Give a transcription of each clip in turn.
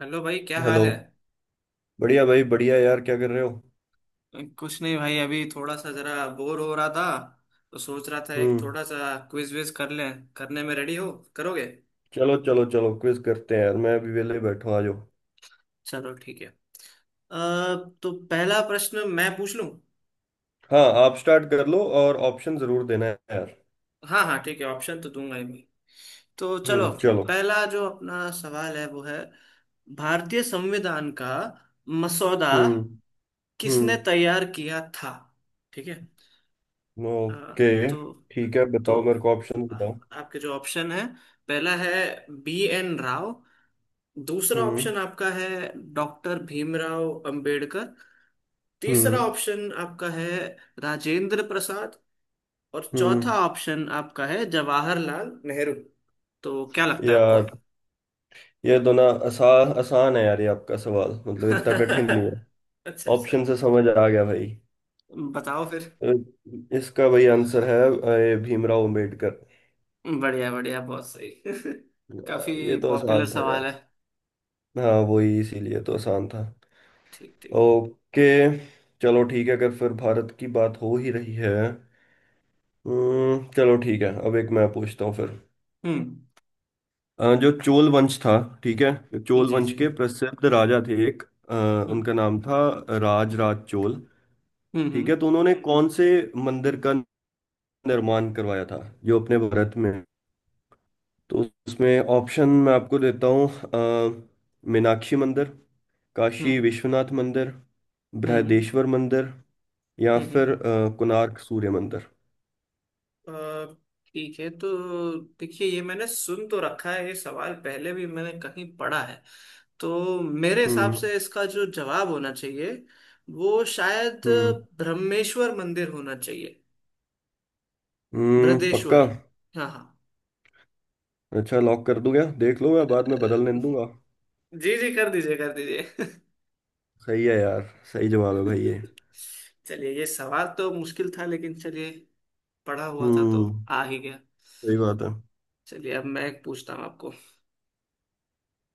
Hello भाई, क्या हाल हेलो। है। बढ़िया भाई बढ़िया यार, क्या कर रहे हो? कुछ नहीं भाई, अभी थोड़ा सा जरा बोर हो रहा था। तो सोच रहा था एक हम्म। थोड़ा सा क्विज विज कर लें। करने में रेडी हो? करोगे? चलो चलो चलो, क्विज करते हैं यार, मैं अभी वेले बैठा हूँ, आ जाओ। चलो ठीक है। अ, तो पहला प्रश्न मैं पूछ लूं। हाँ, आप स्टार्ट कर लो और ऑप्शन जरूर देना है यार। हाँ हाँ ठीक है, ऑप्शन तो दूंगा ही मैं। तो चलो। हम्म, चलो। पहला जो अपना सवाल है वो है, भारतीय संविधान का मसौदा हम्म किसने हम्म। तैयार किया था। ठीक है। अ, ओके, तो ठीक है, तो बताओ मेरे को, ऑप्शन बताओ। आपके जो ऑप्शन है, पहला है बी एन राव। दूसरा हम्म। ऑप्शन आपका है डॉक्टर भीमराव अंबेडकर। तीसरा हम्म। ऑप्शन आपका है राजेंद्र प्रसाद। और हम्म। चौथा ऑप्शन आपका है जवाहरलाल नेहरू। तो क्या लगता है आपको? यार, ये दोनों आसान आसान है यार, ये आपका सवाल मतलब इतना कठिन नहीं है। अच्छा अच्छा। ऑप्शन से समझ आ गया भाई। बताओ फिर। अ, इसका भाई आंसर है ये भीमराव अम्बेडकर। बढ़िया बढ़िया, बहुत सही। काफी ये तो पॉपुलर आसान था सवाल यार। है। हाँ, वही इसीलिए तो आसान था। ठीक ठीक। ओके। चलो ठीक है, अगर फिर भारत की बात हो ही रही है। चलो ठीक है, अब एक मैं पूछता हूँ फिर। हम्म। जो चोल वंश था, ठीक है, चोल जी वंश जी। के प्रसिद्ध राजा थे एक। अ, हम्म उनका नाम था राजराज चोल। हम्म। ठीक है, तो उन्होंने कौन से मंदिर का निर्माण करवाया था, जो अपने भारत में है? तो उसमें ऑप्शन मैं आपको देता हूँ, मीनाक्षी मंदिर, काशी हम्म। विश्वनाथ मंदिर, हम्म बृहदेश्वर मंदिर, या हम्म। फिर हम्म। कोणार्क सूर्य मंदिर। अ, ठीक है तो देखिए, ये मैंने सुन तो रखा है, ये सवाल पहले भी मैंने कहीं पढ़ा है। तो मेरे हिसाब हम्म से इसका जो जवाब होना चाहिए वो शायद हम्म। ब्रह्मेश्वर मंदिर होना चाहिए। हम्म, पक्का। बृहदेश्वर। हाँ हाँ। अच्छा, लॉक कर दूं क्या? देख लो, मैं बाद में अ, बदलने नहीं दूंगा। जी जी कर दीजिए कर दीजिए। सही है यार, सही जवाब है भाई ये। चलिए ये सवाल तो मुश्किल था, लेकिन चलिए पढ़ा हुआ था तो हम्म, आ ही गया। सही बात है। चलिए अब मैं एक पूछता हूँ आपको।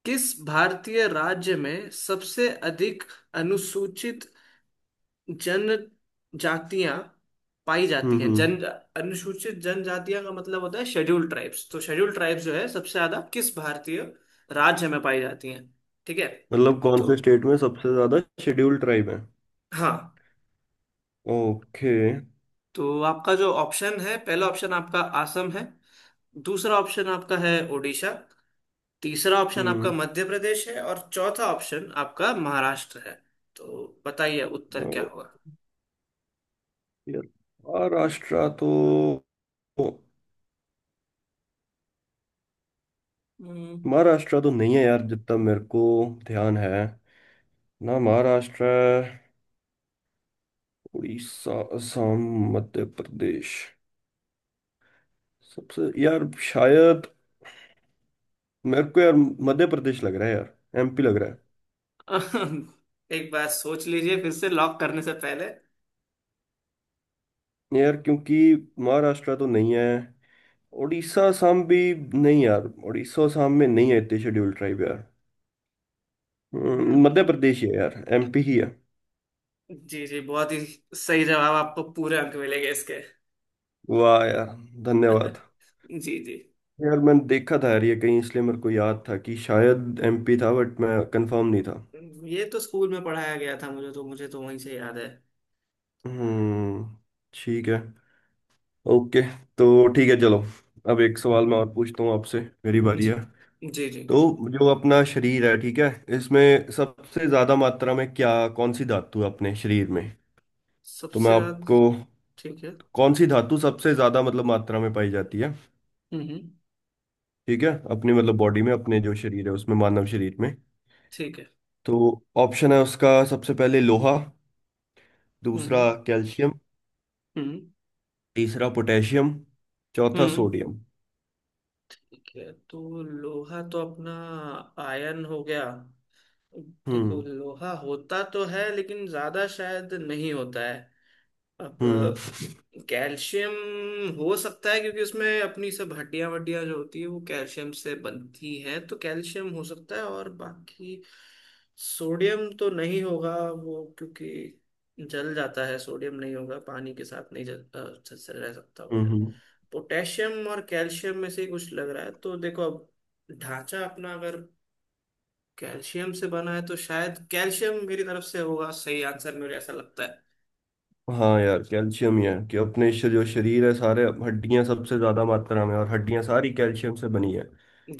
किस भारतीय राज्य में सबसे अधिक अनुसूचित जन जातियां पाई जाती हैं। जन हम्म, अनुसूचित जनजातियां का मतलब होता है शेड्यूल्ड ट्राइब्स। तो शेड्यूल्ड ट्राइब्स जो है सबसे ज्यादा किस भारतीय राज्य में पाई जाती हैं। ठीक है। मतलब कौन तो से स्टेट में सबसे ज्यादा शेड्यूल ट्राइब है। हाँ, ओके। तो आपका जो ऑप्शन है, पहला ऑप्शन आपका असम है। दूसरा ऑप्शन आपका है उड़ीसा। तीसरा ऑप्शन आपका हम्म। मध्य प्रदेश है। और चौथा ऑप्शन आपका महाराष्ट्र है। तो बताइए उत्तर क्या और होगा। यार, महाराष्ट्र तो, हम्म। महाराष्ट्र तो नहीं है यार, जितना मेरे को ध्यान है। ना महाराष्ट्र है, उड़ीसा, असम, मध्य प्रदेश। सबसे यार शायद, मेरे को यार मध्य प्रदेश लग रहा है यार, MP लग रहा एक बार सोच लीजिए फिर से लॉक करने से पहले। है यार, क्योंकि महाराष्ट्र तो नहीं है, उड़ीसा असम भी नहीं। यार उड़ीसा असम में नहीं है इतने शेड्यूल ट्राइब यार। हम्म, मध्य प्रदेश ही है यार, MP ही है। जी जी। बहुत ही सही जवाब, आपको पूरे अंक मिलेंगे इसके। वाह यार, धन्यवाद। जी जी। यार मैंने देखा था यार ये कहीं, इसलिए मेरे को याद था कि शायद MP था, बट मैं कंफर्म नहीं था। ये तो स्कूल में पढ़ाया गया था, मुझे तो वहीं से याद है। हम्म। ठीक है। ओके। तो ठीक है चलो, अब एक सवाल मैं और पूछता हूँ आपसे, मेरी बारी जी है। जी जी। तो जो अपना शरीर है, ठीक है, इसमें सबसे ज्यादा मात्रा में क्या, कौन सी धातु है अपने शरीर में। तो मैं सबसे ज्यादा। आपको, ठीक है। कौन सी धातु सबसे ज्यादा मतलब मात्रा में पाई जाती है, हम्म। ठीक है, अपनी मतलब बॉडी में, अपने जो शरीर है उसमें, मानव शरीर में। ठीक है। तो ऑप्शन है उसका, सबसे पहले लोहा, दूसरा हम्म। कैल्शियम, हम्म तीसरा पोटेशियम, चौथा हम्म। सोडियम। ठीक है तो लोहा तो अपना आयन हो गया। देखो हम्म। लोहा होता तो है, लेकिन ज्यादा शायद नहीं होता है। अब हम्म। कैल्शियम हो सकता है, क्योंकि उसमें अपनी सब हड्डियां वड्डियां जो होती है वो कैल्शियम से बनती हैं। तो कैल्शियम हो सकता है। और बाकी सोडियम तो नहीं होगा वो, क्योंकि जल जाता है। सोडियम नहीं होगा, पानी के साथ नहीं अच्छे से रह सकता हम्म वो। हम्म। पोटेशियम और कैल्शियम में से ही कुछ लग रहा है। तो देखो अब, ढांचा अपना अगर कैल्शियम से बना है, तो शायद कैल्शियम मेरी तरफ से होगा सही आंसर, मुझे ऐसा लगता है। हाँ यार, कैल्शियम ही है। कि अपने जो शरीर है, सारे हड्डियां सबसे ज्यादा मात्रा में, और हड्डियां सारी कैल्शियम से बनी है।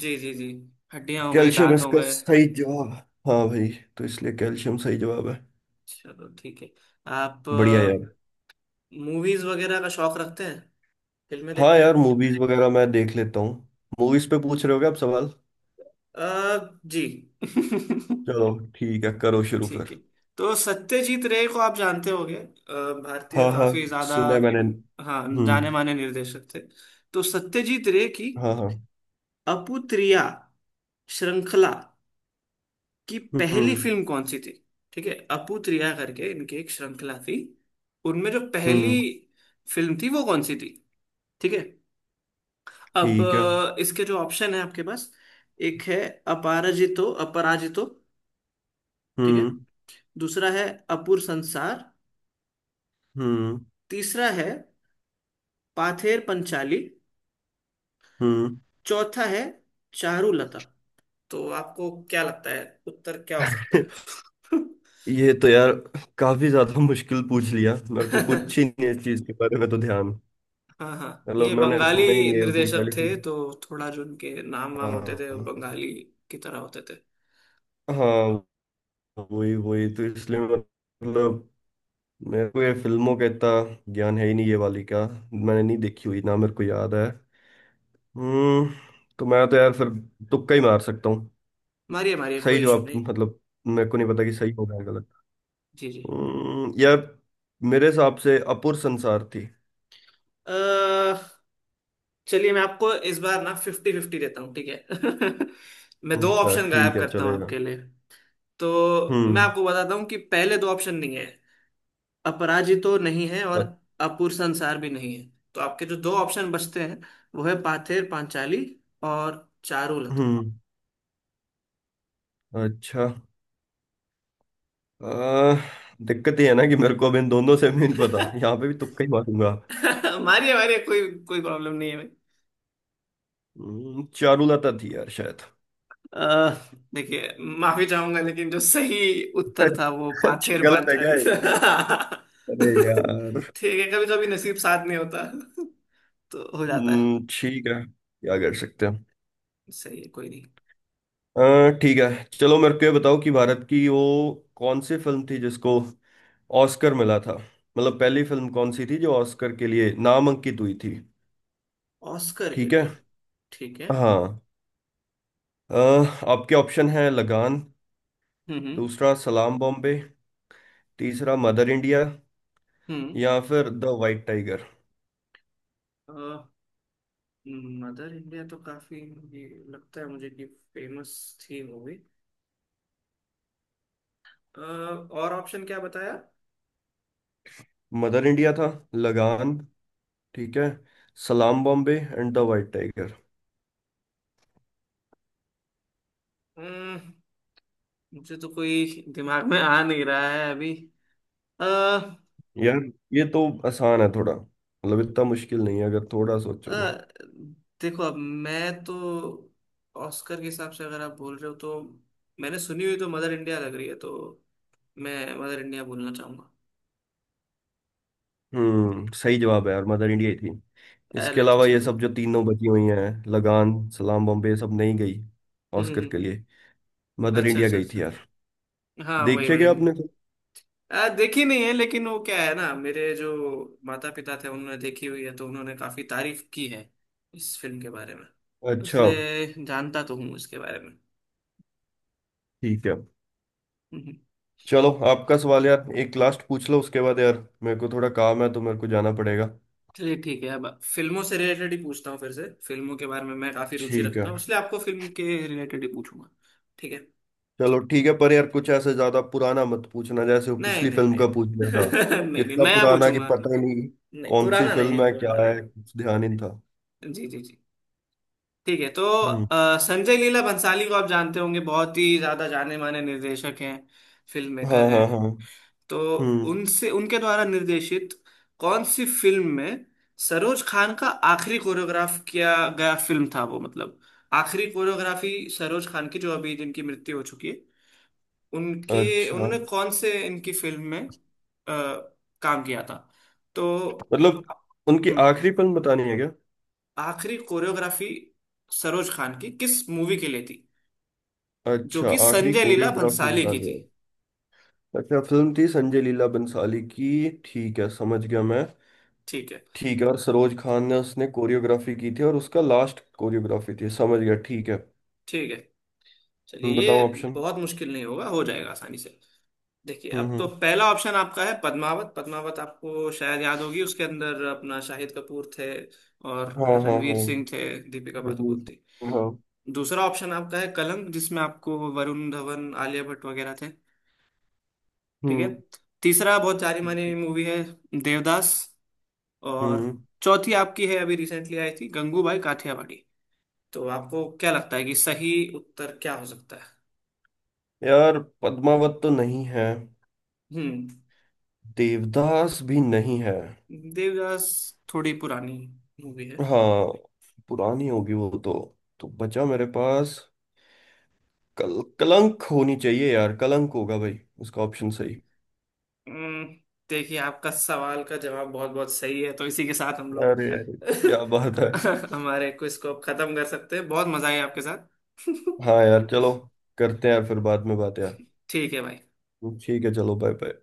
जी जी जी। हड्डियां हो गई, कैल्शियम दांत हो इसका गए। सही जवाब। हाँ भाई, तो इसलिए कैल्शियम सही जवाब है। चलो ठीक है। आप बढ़िया यार। मूवीज वगैरह का शौक रखते हैं? फिल्में हाँ देखते यार, हैं? मूवीज वगैरह मैं देख लेता हूँ। मूवीज पे पूछ रहे हो क्या आप सवाल? जी। चलो ठीक है, करो शुरू ठीक फिर। है। तो, सत्यजीत रे को आप जानते होंगे, भारतीय, हाँ हाँ, काफी ज्यादा। सुना है मैंने। हाँ, जाने हम्म। माने निर्देशक थे। तो सत्यजीत रे की हाँ हाँ। अपुत्रिया श्रृंखला कि पहली हम्म फिल्म कौन सी थी। ठीक है, अपूतरिया करके इनकी एक श्रृंखला थी। उनमें जो पहली हम्म। फिल्म थी वो कौन सी थी। ठीक है। अब ठीक है। अ, इसके जो ऑप्शन है आपके पास, एक है अपराजितो अपराजितो। ठीक है। हम्म दूसरा है अपूर संसार। हम्म। तीसरा है पाथेर पंचाली। हम्म। चौथा है चारुलता। तो आपको क्या लगता है उत्तर क्या हो सकता है? ये तो यार काफी ज्यादा मुश्किल पूछ लिया, मेरे को कुछ ही नहीं है इस चीज के बारे में तो ध्यान। हाँ हाँ। मतलब ये मैंने सुना ही बंगाली नहीं है उनकी निर्देशक पहली थे, फिल्म। तो थोड़ा जो उनके नाम वाम होते थे वो हाँ। बंगाली की तरह होते थे। हाँ, वही वही, तो इसलिए मतलब मेरे को ये फिल्मों का इतना ज्ञान है ही नहीं, ये वाली का मैंने नहीं देखी हुई, ना मेरे को याद है। हम्म। तो मैं तो यार फिर तुक्का ही मार सकता हूँ। मारिए मारिए, सही कोई इशू जवाब नहीं। मतलब, मेरे को नहीं पता कि सही होगा या गलत। जी जी। यार, मेरे हिसाब से अपुर संसार थी। अह, चलिए मैं आपको इस बार ना फिफ्टी फिफ्टी देता हूँ, ठीक है। मैं दो अच्छा ऑप्शन गायब ठीक है, करता हूँ चलेगा। आपके लिए। तो मैं हम्म। आपको बताता हूँ कि पहले दो ऑप्शन नहीं है। अपराजितो नहीं है, और अ- अपूर संसार भी नहीं है। तो आपके जो दो ऑप्शन बचते हैं, वो है पाथेर पांचाली और चारुलता। हम्म। अच्छा। आ, दिक्कत ये है ना कि मेरे को अब इन दोनों से भी नहीं पता, यहाँ पे भी तुक्का ही मारूंगा। मारिए मारिए, कोई कोई प्रॉब्लम नहीं है भाई। चारुलता थी यार शायद। अह, देखिए, माफी चाहूंगा, लेकिन जो सही उत्तर था वो अच्छा, पाथेर गलत है क्या पांचाली ये? था। अरे यार। ठीक है, कभी कभी नसीब साथ नहीं होता। तो हो जाता है। ठीक है, क्या कर सकते हैं। सही है, कोई नहीं। ठीक है चलो, मेरे को ये बताओ कि भारत की वो कौन सी फिल्म थी जिसको ऑस्कर मिला था, मतलब पहली फिल्म कौन सी थी जो ऑस्कर के लिए नामांकित हुई थी। ऑस्कर के ठीक है। लिए। ठीक है। हाँ। अ, आपके ऑप्शन है लगान, हम्म दूसरा सलाम बॉम्बे, तीसरा मदर इंडिया, हम्म। या फिर the white tiger. Mother India तो काफी, ये लगता है मुझे कि फेमस थी मूवी। और ऑप्शन क्या बताया? मदर इंडिया था, लगान, ठीक है, Salaam Bombay and the white tiger. हम्म, मुझे तो कोई दिमाग में आ नहीं रहा है अभी। अ, यार ये तो आसान है थोड़ा, मतलब इतना मुश्किल नहीं है अगर थोड़ा अ, सोचो तो। देखो अब मैं तो, ऑस्कर के हिसाब से अगर आप बोल रहे हो तो मैंने सुनी हुई तो मदर इंडिया लग रही है। तो मैं मदर इंडिया बोलना चाहूंगा। हम्म, सही जवाब है यार, मदर इंडिया ही थी। इसके अरे अलावा ये चलो। सब जो तीनों बची हुई हैं, लगान, सलाम बॉम्बे, ये सब नहीं गई ऑस्कर हम्म। के लिए। मदर अच्छा इंडिया अच्छा गई अच्छा। थी यार। हाँ वही देखिए, वही। क्या आपने तो? देखी नहीं है, लेकिन वो क्या है ना, मेरे जो माता पिता थे उन्होंने देखी हुई है, तो उन्होंने काफी तारीफ की है इस फिल्म के बारे में। तो अच्छा। इसलिए जानता तो हूँ इसके बारे में। ठीक है हम्म, हम्म। चलो, आपका सवाल यार एक लास्ट पूछ लो, उसके बाद यार मेरे को थोड़ा काम है, तो मेरे को जाना पड़ेगा। चलिए ठीक है, अब फिल्मों से रिलेटेड ही पूछता हूँ। फिर से फिल्मों के बारे में मैं काफी रुचि ठीक रखता है। हूँ, इसलिए आपको फिल्म के रिलेटेड ही पूछूंगा। ठीक है। चलो ठीक है, पर यार कुछ ऐसे ज्यादा पुराना मत पूछना, जैसे वो नहीं पिछली नहीं फिल्म नहीं का पूछ लिया था, नहीं नहीं नहीं, कितना नया पुराना कि पूछूंगा। पता ही नहीं नहीं कौन सी पुराना फिल्म नहीं, है, क्या पुराना नहीं। है, कुछ ध्यान ही नहीं था। जी जी जी। ठीक है। तो हम्म। अ, संजय लीला भंसाली को आप जानते होंगे, बहुत ही ज्यादा जाने माने निर्देशक हैं, फिल्म मेकर हाँ हैं। हाँ हाँ। तो हम्म। उनसे उनके द्वारा निर्देशित कौन सी फिल्म में सरोज खान का आखिरी कोरियोग्राफ किया गया फिल्म था वो। मतलब आखिरी कोरियोग्राफी सरोज खान की, जो अभी जिनकी मृत्यु हो चुकी है, उनके, अच्छा, उन्होंने कौन से इनकी फिल्म में अ, काम किया था। तो मतलब उनकी हम्म, आखिरी फिल्म बतानी है क्या? आखिरी कोरियोग्राफी सरोज खान की किस मूवी के लिए थी, जो अच्छा, कि आखिरी संजय लीला कोरियोग्राफी भंसाली की बतानी थी। है। अच्छा, फिल्म थी संजय लीला बंसाली की, ठीक है, समझ गया मैं। ठीक है। ठीक है, और सरोज खान ने उसने कोरियोग्राफी की थी, और उसका लास्ट कोरियोग्राफी थी, समझ गया, ठीक है। ठीक है। चलिए, ये बताओ ऑप्शन। बहुत मुश्किल नहीं होगा, हो जाएगा आसानी से। देखिए अब तो, हम्म। पहला ऑप्शन आपका है पद्मावत। पद्मावत आपको शायद याद होगी, उसके अंदर अपना शाहिद कपूर थे और हाँ हाँ रणवीर हाँ। सिंह थे, दीपिका पादुकोण हम्म। थी। हाँ। दूसरा ऑप्शन आपका है कलंक, जिसमें आपको वरुण धवन आलिया भट्ट वगैरह थे। ठीक है। हम्म। तीसरा बहुत जानी मानी मूवी है, देवदास। और हम्म। चौथी आपकी है अभी रिसेंटली आई थी, गंगूबाई काठियावाड़ी। तो आपको क्या लगता है कि सही उत्तर क्या हो सकता है? यार पद्मावत तो नहीं है, हम्म। देवदास भी नहीं है। देवदास थोड़ी पुरानी मूवी है। हाँ, पुरानी होगी वो तो। तो बचा मेरे पास, कल कलंक होनी चाहिए यार, कलंक होगा भाई उसका ऑप्शन सही। हम्म, देखिए आपका सवाल का जवाब बहुत बहुत सही है, तो इसी के साथ हम लोग, अरे अरे, क्या बात है। हमारे क्विज को अब खत्म कर सकते हैं। बहुत मजा आया आपके साथ। हाँ यार चलो, करते हैं फिर बाद में बात यार। ठीक है भाई। ठीक है चलो, बाय बाय।